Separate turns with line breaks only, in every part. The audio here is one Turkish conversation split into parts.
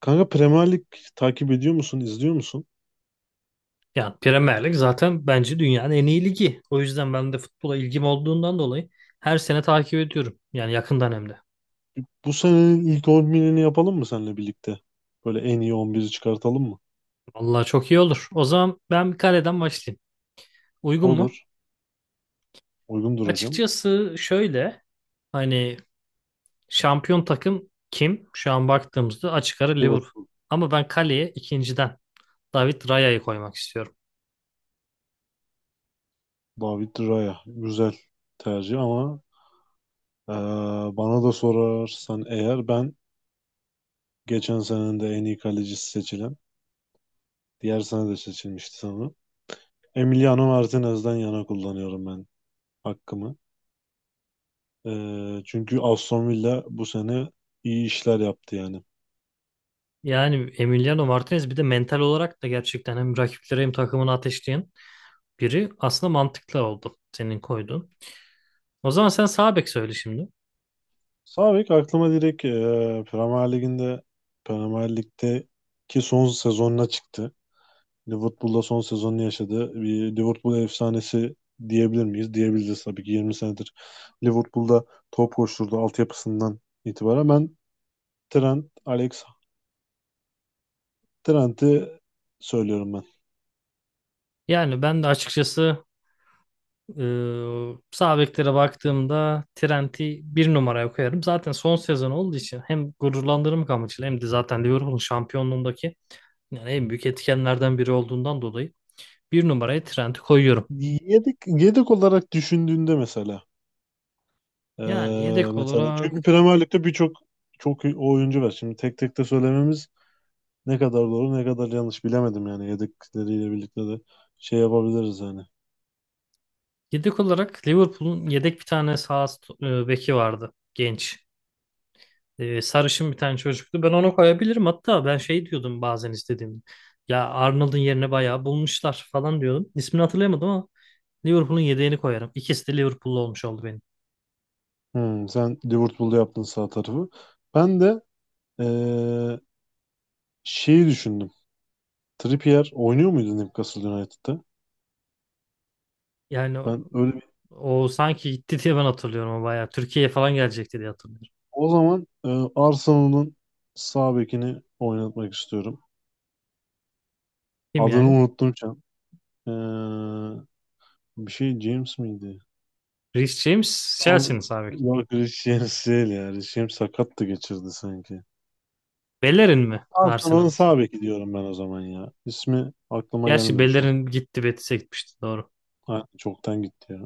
Kanka, Premier Lig takip ediyor musun, izliyor musun?
Yani Premier Lig zaten bence dünyanın en iyi ligi. O yüzden ben de futbola ilgim olduğundan dolayı her sene takip ediyorum. Yani yakından hem de.
Bu senenin ilk 11'ini yapalım mı seninle birlikte? Böyle en iyi 11'i çıkartalım mı?
Vallahi çok iyi olur. O zaman ben bir kaleden başlayayım. Uygun mu?
Olur. Uygundur hocam.
Açıkçası şöyle hani şampiyon takım kim? Şu an baktığımızda açık ara Liverpool.
Liverpool,
Ama ben kaleye ikinciden David Raya'yı koymak istiyorum.
David Raya. Güzel tercih ama eee, bana da sorarsan eğer ben geçen senenin de en iyi kalecisi seçilen, diğer sene de seçilmişti sanırım. Emiliano Martinez'den yana kullanıyorum ben hakkımı. Çünkü Aston Villa bu sene iyi işler yaptı yani.
Yani Emiliano Martinez bir de mental olarak da gerçekten hem rakipleri hem takımını ateşleyen biri aslında mantıklı oldu senin koyduğun. O zaman sen sağ bek söyle şimdi.
Sağ bek aklıma direkt Premier Lig'inde Premier Lig'deki son sezonuna çıktı. Liverpool'da son sezonunu yaşadı. Bir Liverpool efsanesi diyebilir miyiz? Diyebiliriz tabii ki. 20 senedir Liverpool'da top koşturdu altyapısından itibaren. Ben Trent, Alex Trent'i söylüyorum ben.
Yani ben de açıkçası e, sağ beklere baktığımda Trent'i bir numaraya koyarım. Zaten son sezon olduğu için hem gururlandırmak amacıyla hem de zaten Liverpool'un şampiyonluğundaki yani en büyük etkenlerden biri olduğundan dolayı bir numaraya Trent'i koyuyorum.
Yedek olarak düşündüğünde mesela e,
Yani yedek
mesela,
olarak
çünkü Premier Lig'de çok iyi oyuncu var. Şimdi tek tek de söylememiz ne kadar doğru ne kadar yanlış bilemedim, yani yedekleriyle birlikte de şey yapabiliriz yani.
yedek olarak Liverpool'un yedek bir tane sağ beki vardı genç. Sarışın bir tane çocuktu. Ben onu koyabilirim. Hatta ben şey diyordum bazen istediğimde. Ya Arnold'un yerine bayağı bulmuşlar falan diyordum. İsmini hatırlayamadım ama Liverpool'un yedeğini koyarım. İkisi de Liverpool'lu olmuş oldu benim.
Hmm, sen Liverpool'da yaptın sağ tarafı. Ben de eee, şeyi düşündüm. Trippier oynuyor muydu Newcastle United'da?
Yani o,
Ben öyle bir-
o sanki gitti diye ben hatırlıyorum ama bayağı. Türkiye'ye falan gelecekti diye hatırlıyorum.
O zaman Arsenal'ın sağ bekini oynatmak istiyorum.
Kim
Adını
yani?
unuttum şu an. Eee, Bir şey James miydi?
Reece James Chelsea'nin sahibi kim?
Yok, Reece James değil ya. Reece James sakattı, geçirdi sanki.
Bellerin mi?
Arsenal'ın
Arsenal.
sağ beki diyorum ben o zaman ya. İsmi aklıma
Gerçi
gelmedi şu an.
Bellerin gitti Betis'e gitmişti doğru.
Ha, çoktan gitti ya.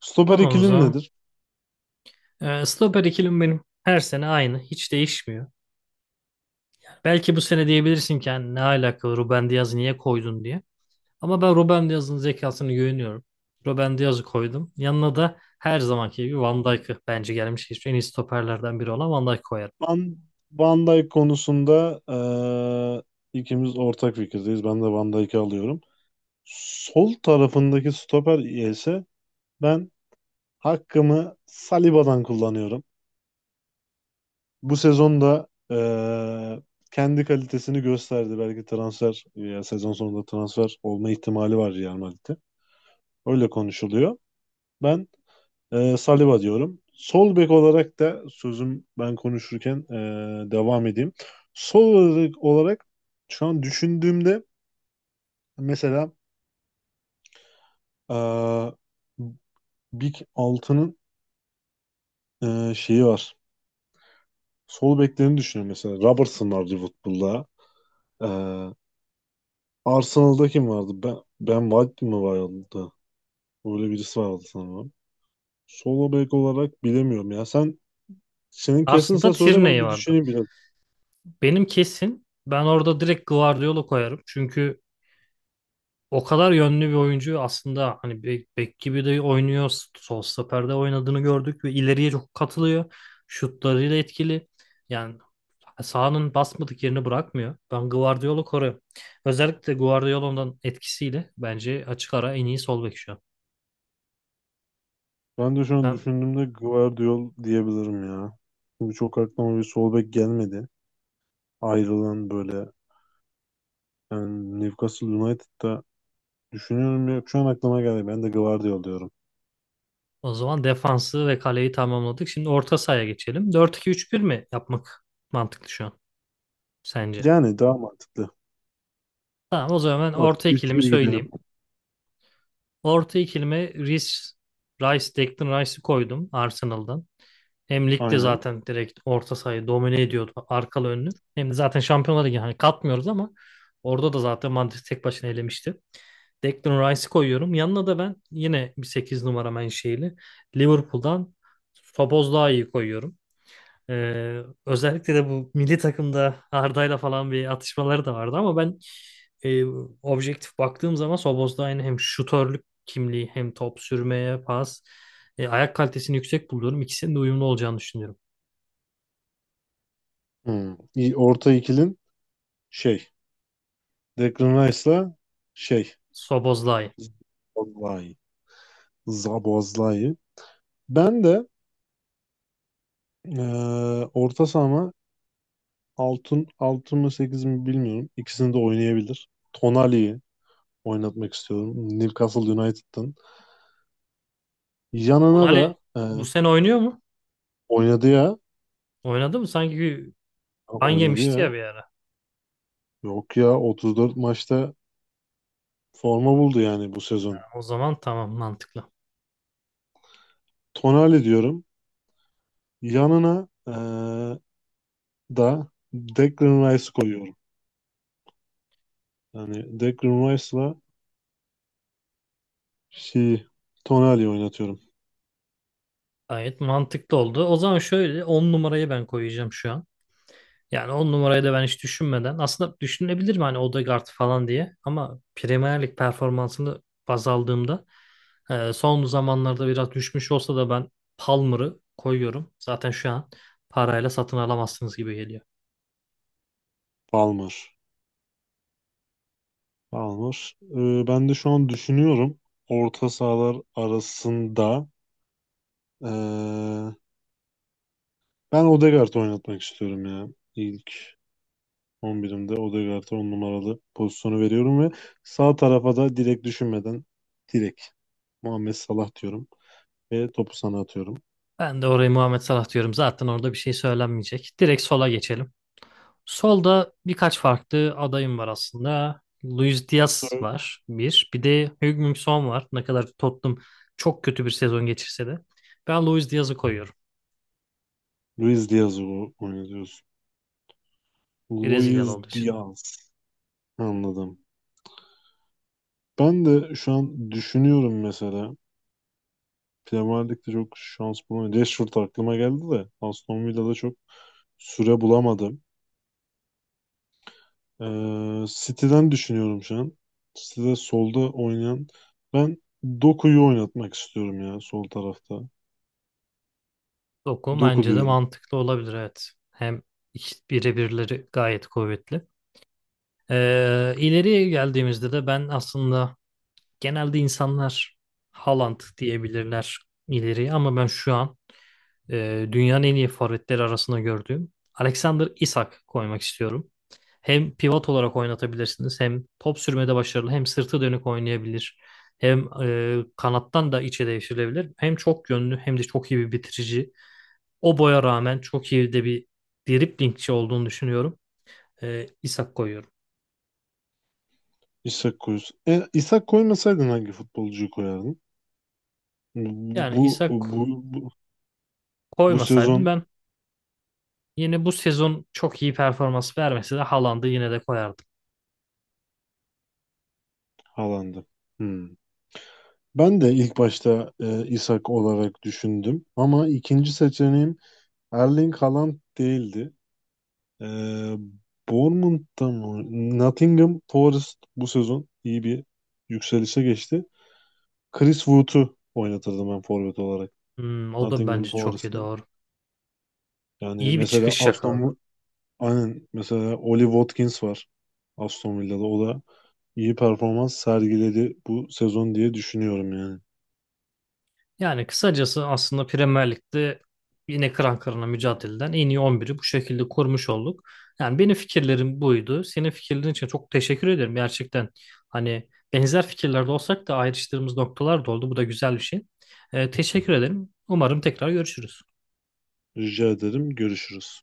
Stoper
Tamam o
ikilin
zaman.
nedir?
Stoper ikilim benim. Her sene aynı. Hiç değişmiyor. Belki bu sene diyebilirsin ki "Yani ne alaka Ruben Diaz'ı niye koydun diye. Ama ben Ruben Diaz'ın zekasını güveniyorum. Ruben Diaz'ı koydum. Yanına da her zamanki gibi Van Dijk'ı bence gelmiş geçmiş en iyi stoperlerden biri olan Van Dijk koyarım.
Van, Van Dijk konusunda ikimiz ortak fikirdeyiz. Ben de Van Dijk'i alıyorum. Sol tarafındaki stoper ise ben hakkımı Saliba'dan kullanıyorum. Bu sezonda kendi kalitesini gösterdi. Belki ya sezon sonunda transfer olma ihtimali var Real Madrid'de. Öyle konuşuluyor. Ben Saliba diyorum. Sol bek olarak da sözüm, ben konuşurken devam edeyim. Sol olarak şu an düşündüğümde mesela ee, Big 6'nın şeyi var. Sol beklerini düşünüyorum mesela. Robertson var Liverpool'da. Ee, Arsenal'da kim vardı? Ben White mi vardı? Öyle birisi vardı sanırım. Sol bek olarak bilemiyorum ya. Senin
Arsenal'da
kesinse söyle, ben
Tierney
bir
vardı.
düşüneyim biraz.
Benim kesin ben orada direkt Guardiola koyarım. Çünkü o kadar yönlü bir oyuncu aslında hani bek, bek gibi de oynuyor. Sol stoperde oynadığını gördük ve ileriye çok katılıyor. Şutlarıyla etkili. Yani sağının basmadık yerini bırakmıyor. Ben Guardiola'yı koruyorum. Özellikle Guardiola'nın etkisiyle bence açık ara en iyi sol bek şu an.
Ben de şu an
Ben
düşündüğümde Guardiol diyebilirim ya. Çünkü çok aklıma bir sol bek gelmedi. Ayrılan böyle, yani Newcastle United'da düşünüyorum ya, şu an aklıma geldi. Ben de Guardiol diyorum.
o zaman defansı ve kaleyi tamamladık. Şimdi orta sahaya geçelim. 4-2-3-1 mi yapmak mantıklı şu an sence?
Yani daha mantıklı.
Tamam o zaman ben orta ikilimi
4-2-3-1 gidelim.
söyleyeyim. Orta ikilime Declan Rice'ı koydum Arsenal'dan. Hem ligde
Aynen.
zaten direkt orta sahayı domine ediyordu arkalı önlü. Hem de zaten Şampiyonlar Ligi hani katmıyoruz ama orada da zaten Madrid tek başına elemişti. Declan Rice'i koyuyorum. Yanına da ben yine bir 8 numara menşeili Liverpool'dan Szoboszlai'yi koyuyorum. Özellikle de bu milli takımda Arda'yla falan bir atışmaları da vardı ama ben e, objektif baktığım zaman Szoboszlai'nin hem şutörlük kimliği hem top sürmeye pas ayak kalitesini yüksek buluyorum. İkisinin de uyumlu olacağını düşünüyorum.
Hmm. İyi. Orta ikilin şey, Declan Rice'la şey,
Szoboszlai.
Zaboszlai. Zaboszlai. Ben de orta sahama altın altın mı 8 mi bilmiyorum. İkisini de oynayabilir. Tonali oynatmak istiyorum. Newcastle United'ın. Yanına
Onali
da
bu sene oynuyor mu?
oynadı ya.
Oynadı mı? Sanki
Ha,
ban
oynadı
yemişti
ya.
ya bir ara.
Yok ya, 34 maçta forma buldu yani bu sezon.
O zaman tamam mantıklı.
Tonali diyorum. Yanına da Declan Rice koyuyorum. Yani Declan Rice'la şey, Tonali oynatıyorum.
Gayet mantıklı oldu. O zaman şöyle 10 numarayı ben koyacağım şu an. Yani on numarayı da ben hiç düşünmeden aslında düşünebilir mi hani Odegaard falan diye ama Premier Lig performansını baz aldığımda son zamanlarda biraz düşmüş olsa da ben Palmer'ı koyuyorum. Zaten şu an parayla satın alamazsınız gibi geliyor.
Palmer. Palmer. E, ben de şu an düşünüyorum. Orta sahalar arasında e, ben Odegaard oynatmak istiyorum ya. İlk 11'imde Odegaard'a 10 numaralı pozisyonu veriyorum ve sağ tarafa da direkt düşünmeden direkt Muhammed Salah diyorum ve topu sana atıyorum.
Ben de oraya Muhammed Salah diyorum. Zaten orada bir şey söylenmeyecek. Direkt sola geçelim. Solda birkaç farklı adayım var aslında. Luis Diaz
Sonra
var bir. Bir de Heung-min Son var. Ne kadar Tottenham çok kötü bir sezon geçirse de. Ben Luis Diaz'ı koyuyorum.
Luis Diaz'ı oynatıyorsun.
Brezilyalı
Luis
olduğu için.
Diaz. Anladım. Ben de şu an düşünüyorum mesela. Premier Lig'de çok şans bulamadım. Rashford aklıma geldi de Aston Villa'da çok süre bulamadım. City'den düşünüyorum şu an. City'de solda oynayan, ben Doku'yu oynatmak istiyorum ya sol tarafta.
Doku
Doku
bence de
diyorum.
mantıklı olabilir evet. Hem birebirleri gayet kuvvetli. İleriye geldiğimizde de ben aslında genelde insanlar Haaland diyebilirler ileriye ama ben şu an dünyanın en iyi forvetleri arasında gördüğüm Alexander Isak koymak istiyorum. Hem pivot olarak oynatabilirsiniz hem top sürmede başarılı hem sırtı dönük oynayabilir. Hem kanattan da içe devşirilebilir. Hem çok yönlü hem de çok iyi bir bitirici. O boya rağmen çok iyi de bir driblingçi olduğunu düşünüyorum. İshak koyuyorum.
İshak koyuyorsun. E, İshak koymasaydın hangi futbolcuyu koyardın?
Yani
Bu
İshak
bu bu, Bu
koymasaydım
sezon
ben yine bu sezon çok iyi performans vermese de Haaland'ı yine de koyardım.
Haaland'ı. Hmm. Ben de ilk başta İshak olarak düşündüm ama ikinci seçeneğim Erling Haaland değildi. Ee, Bournemouth'ta mı? Nottingham Forest bu sezon iyi bir yükselişe geçti. Chris Wood'u oynatırdım ben forvet olarak.
Hmm, o da
Nottingham
bence çok iyi
Forest'ın.
doğru.
Yani
İyi bir
mesela
çıkış yakaladı.
Aston Aynen, mesela Ollie Watkins var Aston Villa'da. O da iyi performans sergiledi bu sezon diye düşünüyorum yani.
Yani kısacası aslında Premier Lig'de yine kıran kırana mücadeleden en iyi 11'i bu şekilde kurmuş olduk. Yani benim fikirlerim buydu. Senin fikirlerin için çok teşekkür ederim. Gerçekten hani benzer fikirlerde olsak da ayrıştığımız noktalar da oldu. Bu da güzel bir şey. Teşekkür ederim. Umarım tekrar görüşürüz.
Rica ederim. Görüşürüz.